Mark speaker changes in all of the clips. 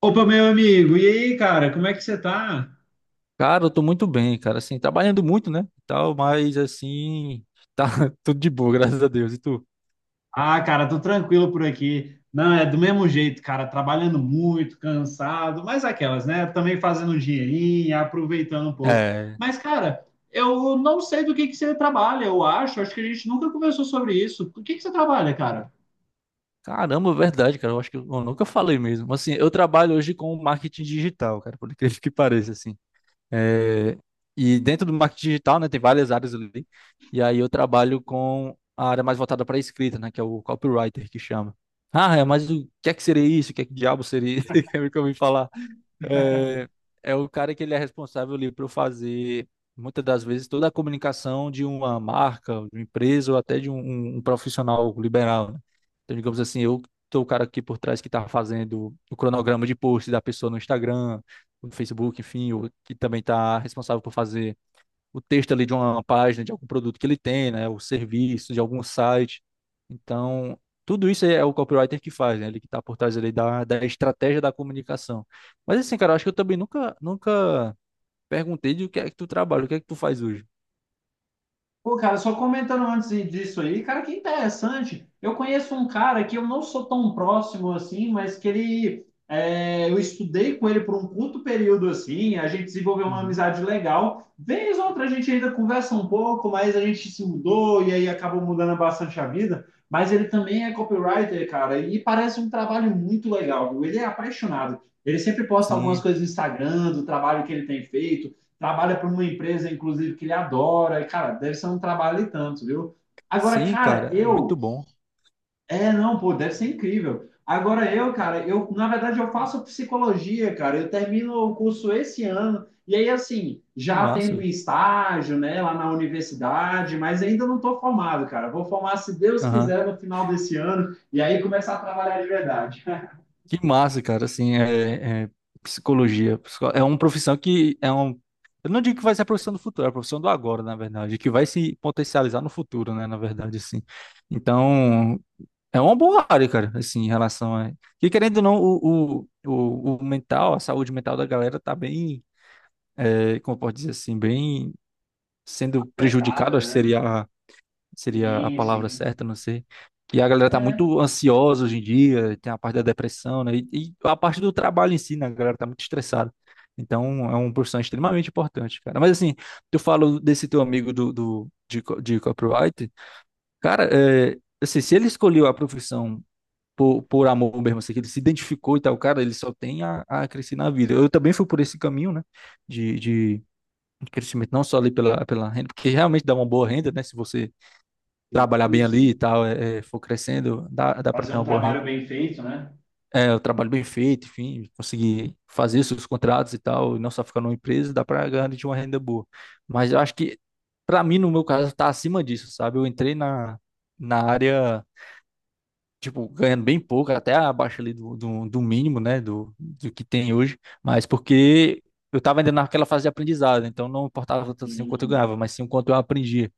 Speaker 1: Opa, meu amigo, e aí, cara, como é que você tá?
Speaker 2: Cara, eu tô muito bem, cara, assim, trabalhando muito, né, e tal, mas, assim, tá tudo de boa, graças a Deus, e tu?
Speaker 1: Ah, cara, tô tranquilo por aqui. Não, é do mesmo jeito, cara, trabalhando muito, cansado, mas aquelas, né? Também fazendo um dinheirinho, aproveitando um pouco.
Speaker 2: É,
Speaker 1: Mas, cara, eu não sei do que você trabalha, eu acho que a gente nunca conversou sobre isso. O que que você trabalha, cara?
Speaker 2: caramba, verdade, cara, eu acho que eu nunca falei mesmo, assim, eu trabalho hoje com marketing digital, cara, por incrível que pareça, assim, é, e dentro do marketing digital, né, tem várias áreas ali, e aí eu trabalho com a área mais voltada para escrita, né, que é o copywriter que chama. Ah, é, mas o que é que seria isso? O que é que diabo seria isso? Quer me que eu ouvi falar? É, é o cara que ele é responsável ali por fazer, muitas das vezes, toda a comunicação de uma marca, de uma empresa ou até de um, um profissional liberal, né? Então, digamos assim, eu tô o cara aqui por trás que está fazendo o cronograma de posts da pessoa no Instagram, no Facebook, enfim, o que também está responsável por fazer o texto ali de uma página, de algum produto que ele tem, né? O serviço, de algum site. Então, tudo isso é o copywriter que faz, né? Ele que está por trás ali da estratégia da comunicação. Mas assim, cara, eu acho que eu também nunca, nunca perguntei de o que é que tu trabalha, o que é que tu faz hoje.
Speaker 1: Pô, cara, só comentando antes disso aí, cara, que interessante. Eu conheço um cara que eu não sou tão próximo assim, mas que ele. É, eu estudei com ele por um curto período assim, a gente desenvolveu uma
Speaker 2: Uhum.
Speaker 1: amizade legal. Vez ou outra a gente ainda conversa um pouco, mas a gente se mudou e aí acabou mudando bastante a vida. Mas ele também é copywriter, cara, e parece um trabalho muito legal, viu? Ele é apaixonado. Ele sempre posta algumas
Speaker 2: Sim,
Speaker 1: coisas no Instagram do trabalho que ele tem feito, trabalha para uma empresa, inclusive, que ele adora. E, cara, deve ser um trabalho e tanto, viu? Agora,
Speaker 2: sim,
Speaker 1: cara,
Speaker 2: cara, é muito
Speaker 1: eu.
Speaker 2: bom.
Speaker 1: É, não, pô, deve ser incrível. Agora eu, cara, eu, na verdade, eu faço psicologia, cara. Eu termino o curso esse ano. E aí, assim,
Speaker 2: Que
Speaker 1: já tendo um
Speaker 2: massa,
Speaker 1: estágio, né, lá na universidade, mas ainda não estou formado, cara. Vou formar, se Deus
Speaker 2: velho.
Speaker 1: quiser, no final desse ano. E aí começar a trabalhar de verdade.
Speaker 2: Que massa, cara, assim, é psicologia. É uma profissão que é um. Eu não digo que vai ser a profissão do futuro, é a profissão do agora, na verdade, que vai se potencializar no futuro, né, na verdade, assim. Então, é uma boa área, cara, assim, em relação a. E querendo ou não, o mental, a saúde mental da galera tá bem, como eu posso dizer assim, bem sendo prejudicado,
Speaker 1: Afetada,
Speaker 2: acho que
Speaker 1: né?
Speaker 2: seria a
Speaker 1: Sim,
Speaker 2: palavra
Speaker 1: sim.
Speaker 2: certa, não sei. E a galera tá
Speaker 1: É,
Speaker 2: muito ansiosa hoje em dia, tem a parte da depressão, né? E a parte do trabalho em si, né? A galera tá muito estressada. Então, é uma profissão extremamente importante, cara. Mas assim, eu falo desse teu amigo de copyright, cara, assim, se ele escolheu a profissão por amor mesmo, assim, que ele se identificou e tal, cara, ele só tem a crescer na vida. Eu também fui por esse caminho, né? De crescimento, não só ali pela renda, porque realmente dá uma boa renda, né? Se você trabalhar
Speaker 1: sim,
Speaker 2: bem ali e
Speaker 1: sim.
Speaker 2: tal, for crescendo, dá para
Speaker 1: Fazer
Speaker 2: ter
Speaker 1: um
Speaker 2: uma boa
Speaker 1: trabalho
Speaker 2: renda.
Speaker 1: bem feito, né?
Speaker 2: É, o trabalho bem feito, enfim, conseguir fazer seus contratos e tal, e não só ficar numa empresa, dá para ganhar de uma renda boa. Mas eu acho que, para mim, no meu caso, tá acima disso, sabe? Eu entrei na área, tipo, ganhando bem pouco, até abaixo ali do mínimo, né, do que tem hoje, mas porque. Eu estava ainda naquela fase de aprendizado, então não importava tanto assim o quanto eu
Speaker 1: Sim.
Speaker 2: ganhava, mas sim o quanto eu aprendia.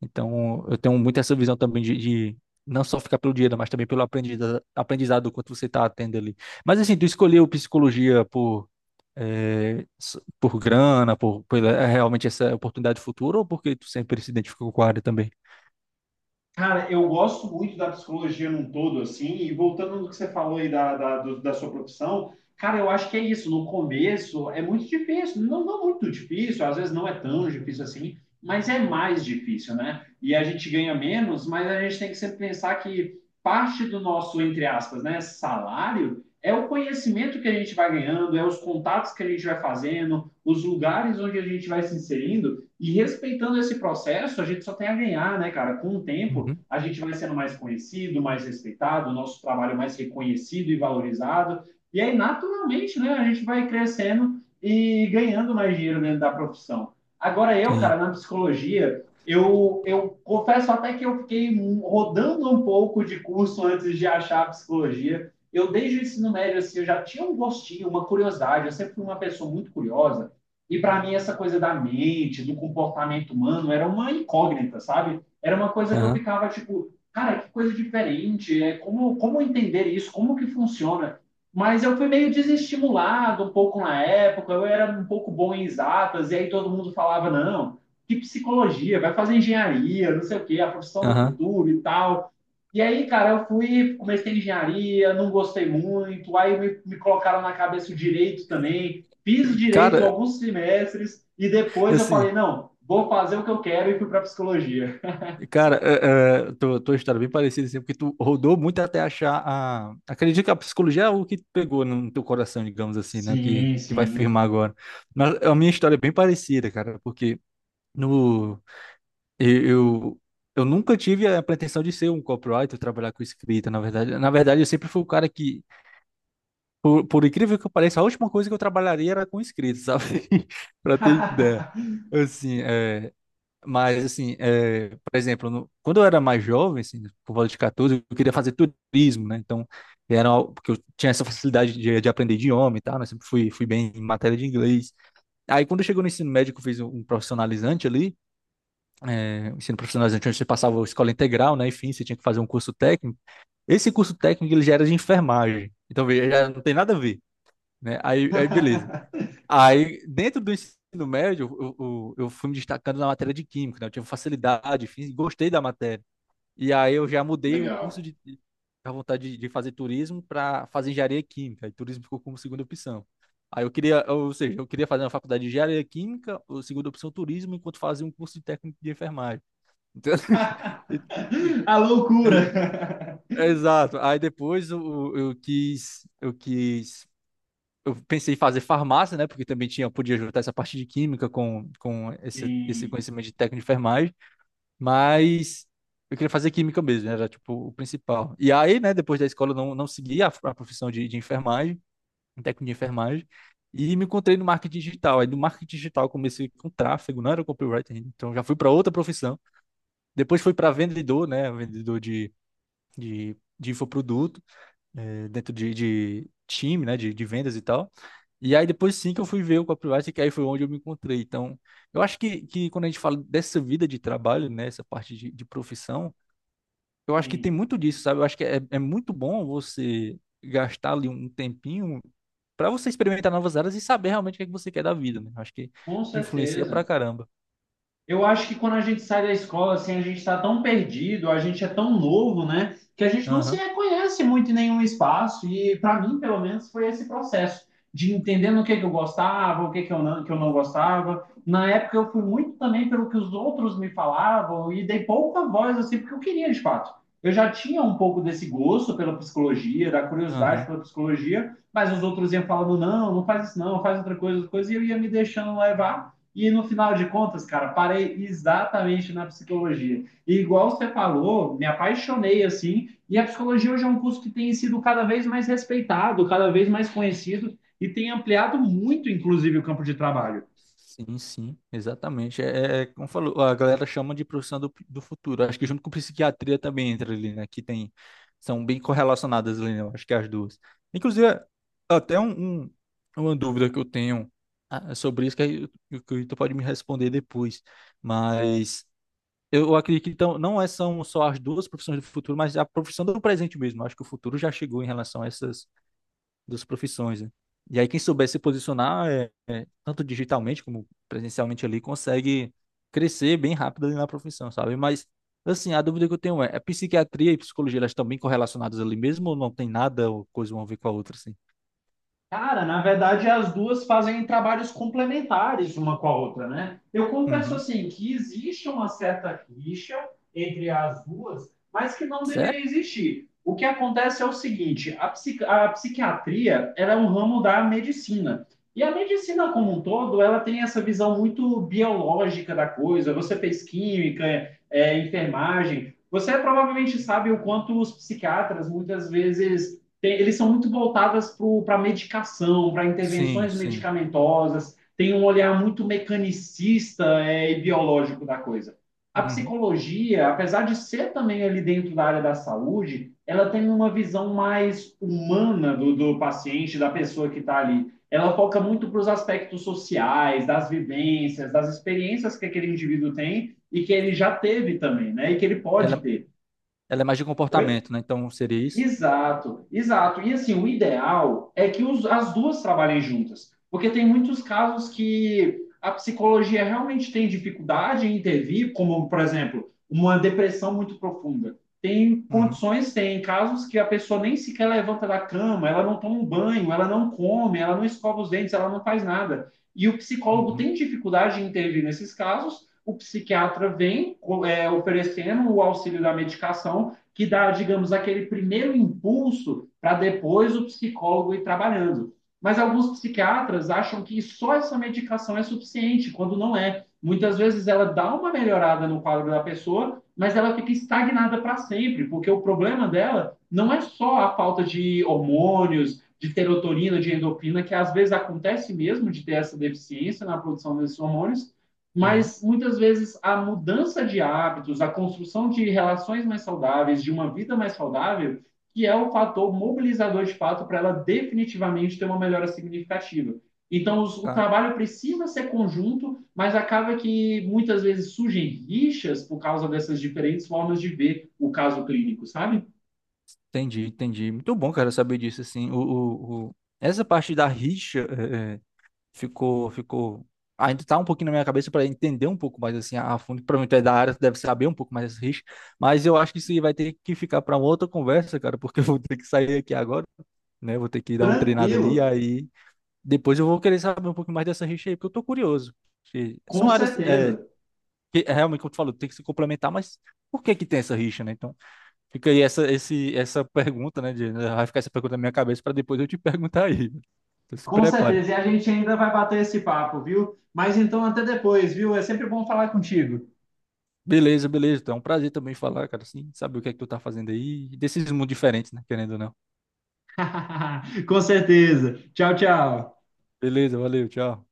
Speaker 2: Então, eu tenho muito essa visão também de não só ficar pelo dinheiro, mas também pelo aprendizado, aprendizado do quanto você está atendo ali. Mas assim, tu escolheu psicologia por grana, por pela, é realmente essa oportunidade futura, ou porque tu sempre se identificou com a área também?
Speaker 1: Cara, eu gosto muito da psicologia num todo, assim, e voltando no que você falou aí da sua profissão, cara, eu acho que é isso. No começo é muito difícil, não, não muito difícil, às vezes não é tão difícil assim, mas é mais difícil, né? E a gente ganha menos, mas a gente tem que sempre pensar que parte do nosso, entre aspas, né, salário é o conhecimento que a gente vai ganhando, é os contatos que a gente vai fazendo, os lugares onde a gente vai se inserindo, e respeitando esse processo, a gente só tem a ganhar, né, cara, com o tempo
Speaker 2: Uhum.
Speaker 1: a gente vai sendo mais conhecido, mais respeitado, o nosso trabalho mais reconhecido e valorizado. E aí, naturalmente, né, a gente vai crescendo e ganhando mais dinheiro dentro da profissão. Agora, eu, cara,
Speaker 2: Sim.
Speaker 1: na psicologia, eu confesso até que eu fiquei rodando um pouco de curso antes de achar a psicologia. Eu, desde o ensino médio, assim, eu já tinha um gostinho, uma curiosidade. Eu sempre fui uma pessoa muito curiosa. E para mim, essa coisa da mente, do comportamento humano, era uma incógnita, sabe? Era uma coisa que eu
Speaker 2: Aham.
Speaker 1: ficava tipo, cara, que coisa diferente, é, como entender isso, como que funciona? Mas eu fui meio desestimulado um pouco na época, eu era um pouco bom em exatas, e aí todo mundo falava, não, que psicologia, vai fazer engenharia, não sei o quê, a profissão do
Speaker 2: Aham.
Speaker 1: futuro e tal. E aí, cara, eu fui, comecei engenharia, não gostei muito, aí me colocaram na cabeça o direito também, fiz direito
Speaker 2: Cara,
Speaker 1: alguns semestres, e depois eu falei,
Speaker 2: assim.
Speaker 1: não, vou fazer o que eu quero e fui para psicologia.
Speaker 2: Cara, tua história é bem parecida, assim, porque tu rodou muito até achar a... Acredito que a psicologia é o que pegou no teu coração, digamos assim, né? Que,
Speaker 1: Sim,
Speaker 2: que vai firmar
Speaker 1: sim.
Speaker 2: agora. Mas a minha história é bem parecida, cara, porque no... Eu, eu, eu nunca tive a pretensão de ser um copywriter, trabalhar com escrita, na verdade. Na verdade, eu sempre fui o cara que, por incrível que pareça, a última coisa que eu trabalharia era com escrita, sabe? Pra ter ideia. Assim, mas, assim, por exemplo, quando eu era mais jovem, assim, por volta de 14, eu queria fazer turismo, né? Então, porque eu tinha essa facilidade de aprender idioma e tal, né? Sempre fui bem em matéria de inglês. Aí, quando chegou no ensino médio, que eu fiz um profissionalizante ali, um ensino profissionalizante, onde você passava a escola integral, né? Enfim, você tinha que fazer um curso técnico. Esse curso técnico, ele já era de enfermagem. Então, veja, já não tem nada a ver, né? Aí, beleza. Aí, dentro do ensino médio, eu fui me destacando na matéria de química, né? Eu tive facilidade, fiz, gostei da matéria. E aí eu já mudei o curso
Speaker 1: Legal.
Speaker 2: de a vontade de fazer turismo para fazer engenharia química, e turismo ficou como segunda opção. Aí eu queria, ou seja, eu queria fazer uma faculdade de engenharia química, ou segunda opção turismo, enquanto fazia um curso de técnico de enfermagem. Então, é-
Speaker 1: A
Speaker 2: é-
Speaker 1: loucura.
Speaker 2: exato. Aí depois eu pensei em fazer farmácia, né? Porque também tinha, podia juntar essa parte de química com esse
Speaker 1: Sim,
Speaker 2: conhecimento de técnico de enfermagem, mas eu queria fazer química mesmo, né, era tipo o principal. E aí, né, depois da escola eu não segui a profissão de enfermagem, um técnico de enfermagem, e me encontrei no marketing digital. Aí do marketing digital eu comecei com tráfego, não era copywriter ainda, então já fui para outra profissão. Depois fui para vendedor, né, vendedor de infoproduto, dentro de time, né, de vendas e tal. E aí depois sim que eu fui ver o copyright, que aí foi onde eu me encontrei. Então, eu acho que quando a gente fala dessa vida de trabalho, né, essa parte de profissão, eu acho que tem
Speaker 1: sim.
Speaker 2: muito disso, sabe? Eu acho que é muito bom você gastar ali um tempinho para você experimentar novas áreas e saber realmente o que é que você quer da vida, né? Eu acho que,
Speaker 1: Com
Speaker 2: que influencia pra
Speaker 1: certeza.
Speaker 2: caramba.
Speaker 1: Eu acho que quando a gente sai da escola, assim, a gente está tão perdido, a gente é tão novo, né, que a gente não se
Speaker 2: Aham,
Speaker 1: reconhece muito em nenhum espaço. E para mim, pelo menos, foi esse processo de entendendo o que que eu gostava, o que que eu não gostava. Na época, eu fui muito também pelo que os outros me falavam e dei pouca voz, assim, porque eu queria, de fato. Eu já tinha um pouco desse gosto pela psicologia, da curiosidade
Speaker 2: aham.
Speaker 1: pela psicologia, mas os outros iam falando, não, não faz isso não, faz outra coisa, e eu ia me deixando levar e no final de contas, cara, parei exatamente na psicologia. E igual você falou, me apaixonei assim. E a psicologia hoje é um curso que tem sido cada vez mais respeitado, cada vez mais conhecido e tem ampliado muito, inclusive, o campo de trabalho.
Speaker 2: Sim, sim, exatamente. É como falou, a galera chama de profissão do futuro. Acho que junto com psiquiatria também entra ali, né? Que tem, são bem correlacionadas ali, né? eu acho que as duas. Inclusive, até uma dúvida que eu tenho, é sobre isso, que aí o que o tu pode me responder depois. Mas eu acredito que então, não é, são só as duas profissões do futuro, mas a profissão do presente mesmo. Acho que o futuro já chegou em relação a essas das profissões, né? E aí quem souber se posicionar, tanto digitalmente como presencialmente ali, consegue crescer bem rápido ali na profissão, sabe? Mas, assim, a dúvida que eu tenho é, a psiquiatria e psicologia, elas estão bem correlacionadas ali mesmo ou não tem nada ou coisa uma a ver com a outra, assim?
Speaker 1: Cara, na verdade, as duas fazem trabalhos complementares uma com a outra, né? Eu confesso
Speaker 2: Uhum.
Speaker 1: assim que existe uma certa rixa entre as duas, mas que não deveria
Speaker 2: Sério?
Speaker 1: existir. O que acontece é o seguinte: a, psiqui- a psiquiatria ela é um ramo da medicina. E a medicina como um todo, ela tem essa visão muito biológica da coisa. Você fez química, é, enfermagem. Você provavelmente sabe o quanto os psiquiatras muitas vezes tem- eles são muito voltadas para medicação, para
Speaker 2: Sim,
Speaker 1: intervenções
Speaker 2: sim.
Speaker 1: medicamentosas, tem um olhar muito mecanicista, é, e biológico da coisa. A
Speaker 2: Uhum.
Speaker 1: psicologia, apesar de ser também ali dentro da área da saúde, ela tem uma visão mais humana do paciente, da pessoa que está ali. Ela foca muito para os aspectos sociais, das vivências, das experiências que aquele indivíduo tem e que ele já teve também, né? E que ele
Speaker 2: Ela,
Speaker 1: pode ter.
Speaker 2: ela é mais de
Speaker 1: Oi?
Speaker 2: comportamento, né? Então seria isso?
Speaker 1: Exato, exato. E assim, o ideal é que os- as duas trabalhem juntas, porque tem muitos casos que a psicologia realmente tem dificuldade em intervir, como, por exemplo, uma depressão muito profunda. Tem
Speaker 2: Uhum.
Speaker 1: condições, tem casos que a pessoa nem sequer levanta da cama, ela não toma um banho, ela não come, ela não escova os dentes, ela não faz nada. E o psicólogo tem
Speaker 2: Uhum.
Speaker 1: dificuldade em intervir nesses casos, o psiquiatra vem, co- é, oferecendo o auxílio da medicação que dá, digamos, aquele primeiro impulso para depois o psicólogo ir trabalhando. Mas alguns psiquiatras acham que só essa medicação é suficiente, quando não é. Muitas vezes ela dá uma melhorada no quadro da pessoa, mas ela fica estagnada para sempre, porque o problema dela não é só a falta de hormônios, de serotonina, de endorfina, que às vezes acontece mesmo de ter essa deficiência na produção desses hormônios,
Speaker 2: Aham.
Speaker 1: mas muitas vezes a mudança de hábitos, a construção de relações mais saudáveis, de uma vida mais saudável, que é o fator mobilizador de fato para ela definitivamente ter uma melhora significativa. Então, o
Speaker 2: Tá.
Speaker 1: trabalho precisa ser conjunto, mas acaba que muitas vezes surgem rixas por causa dessas diferentes formas de ver o caso clínico, sabe?
Speaker 2: Entendi, entendi. Muito bom, cara, saber disso, assim. Essa parte da rixa ficou, ficou. Ainda tá um pouquinho na minha cabeça para entender um pouco mais assim a fundo. Para mim, tu é da área, tu deve saber um pouco mais desse risco. Mas eu acho que isso aí vai ter que ficar para uma outra conversa, cara, porque eu vou ter que sair aqui agora, né? Vou ter que dar uma treinada ali.
Speaker 1: Tranquilo,
Speaker 2: Aí depois eu vou querer saber um pouco mais dessa rixa aí, porque eu tô curioso. Que
Speaker 1: com
Speaker 2: são áreas
Speaker 1: certeza.
Speaker 2: que é realmente, como tu falou, tem que se complementar, mas por que que tem essa rixa, né? Então fica aí essa pergunta, né? Vai ficar essa pergunta na minha cabeça para depois eu te perguntar aí. Então se
Speaker 1: Com
Speaker 2: prepare.
Speaker 1: certeza. E a gente ainda vai bater esse papo, viu? Mas então, até depois, viu? É sempre bom falar contigo.
Speaker 2: Beleza, beleza. Então, é um prazer também falar, cara, assim, saber o que é que tu tá fazendo aí, desses mundos diferentes, né, querendo ou não.
Speaker 1: Com certeza. Tchau, tchau.
Speaker 2: Beleza, valeu, tchau.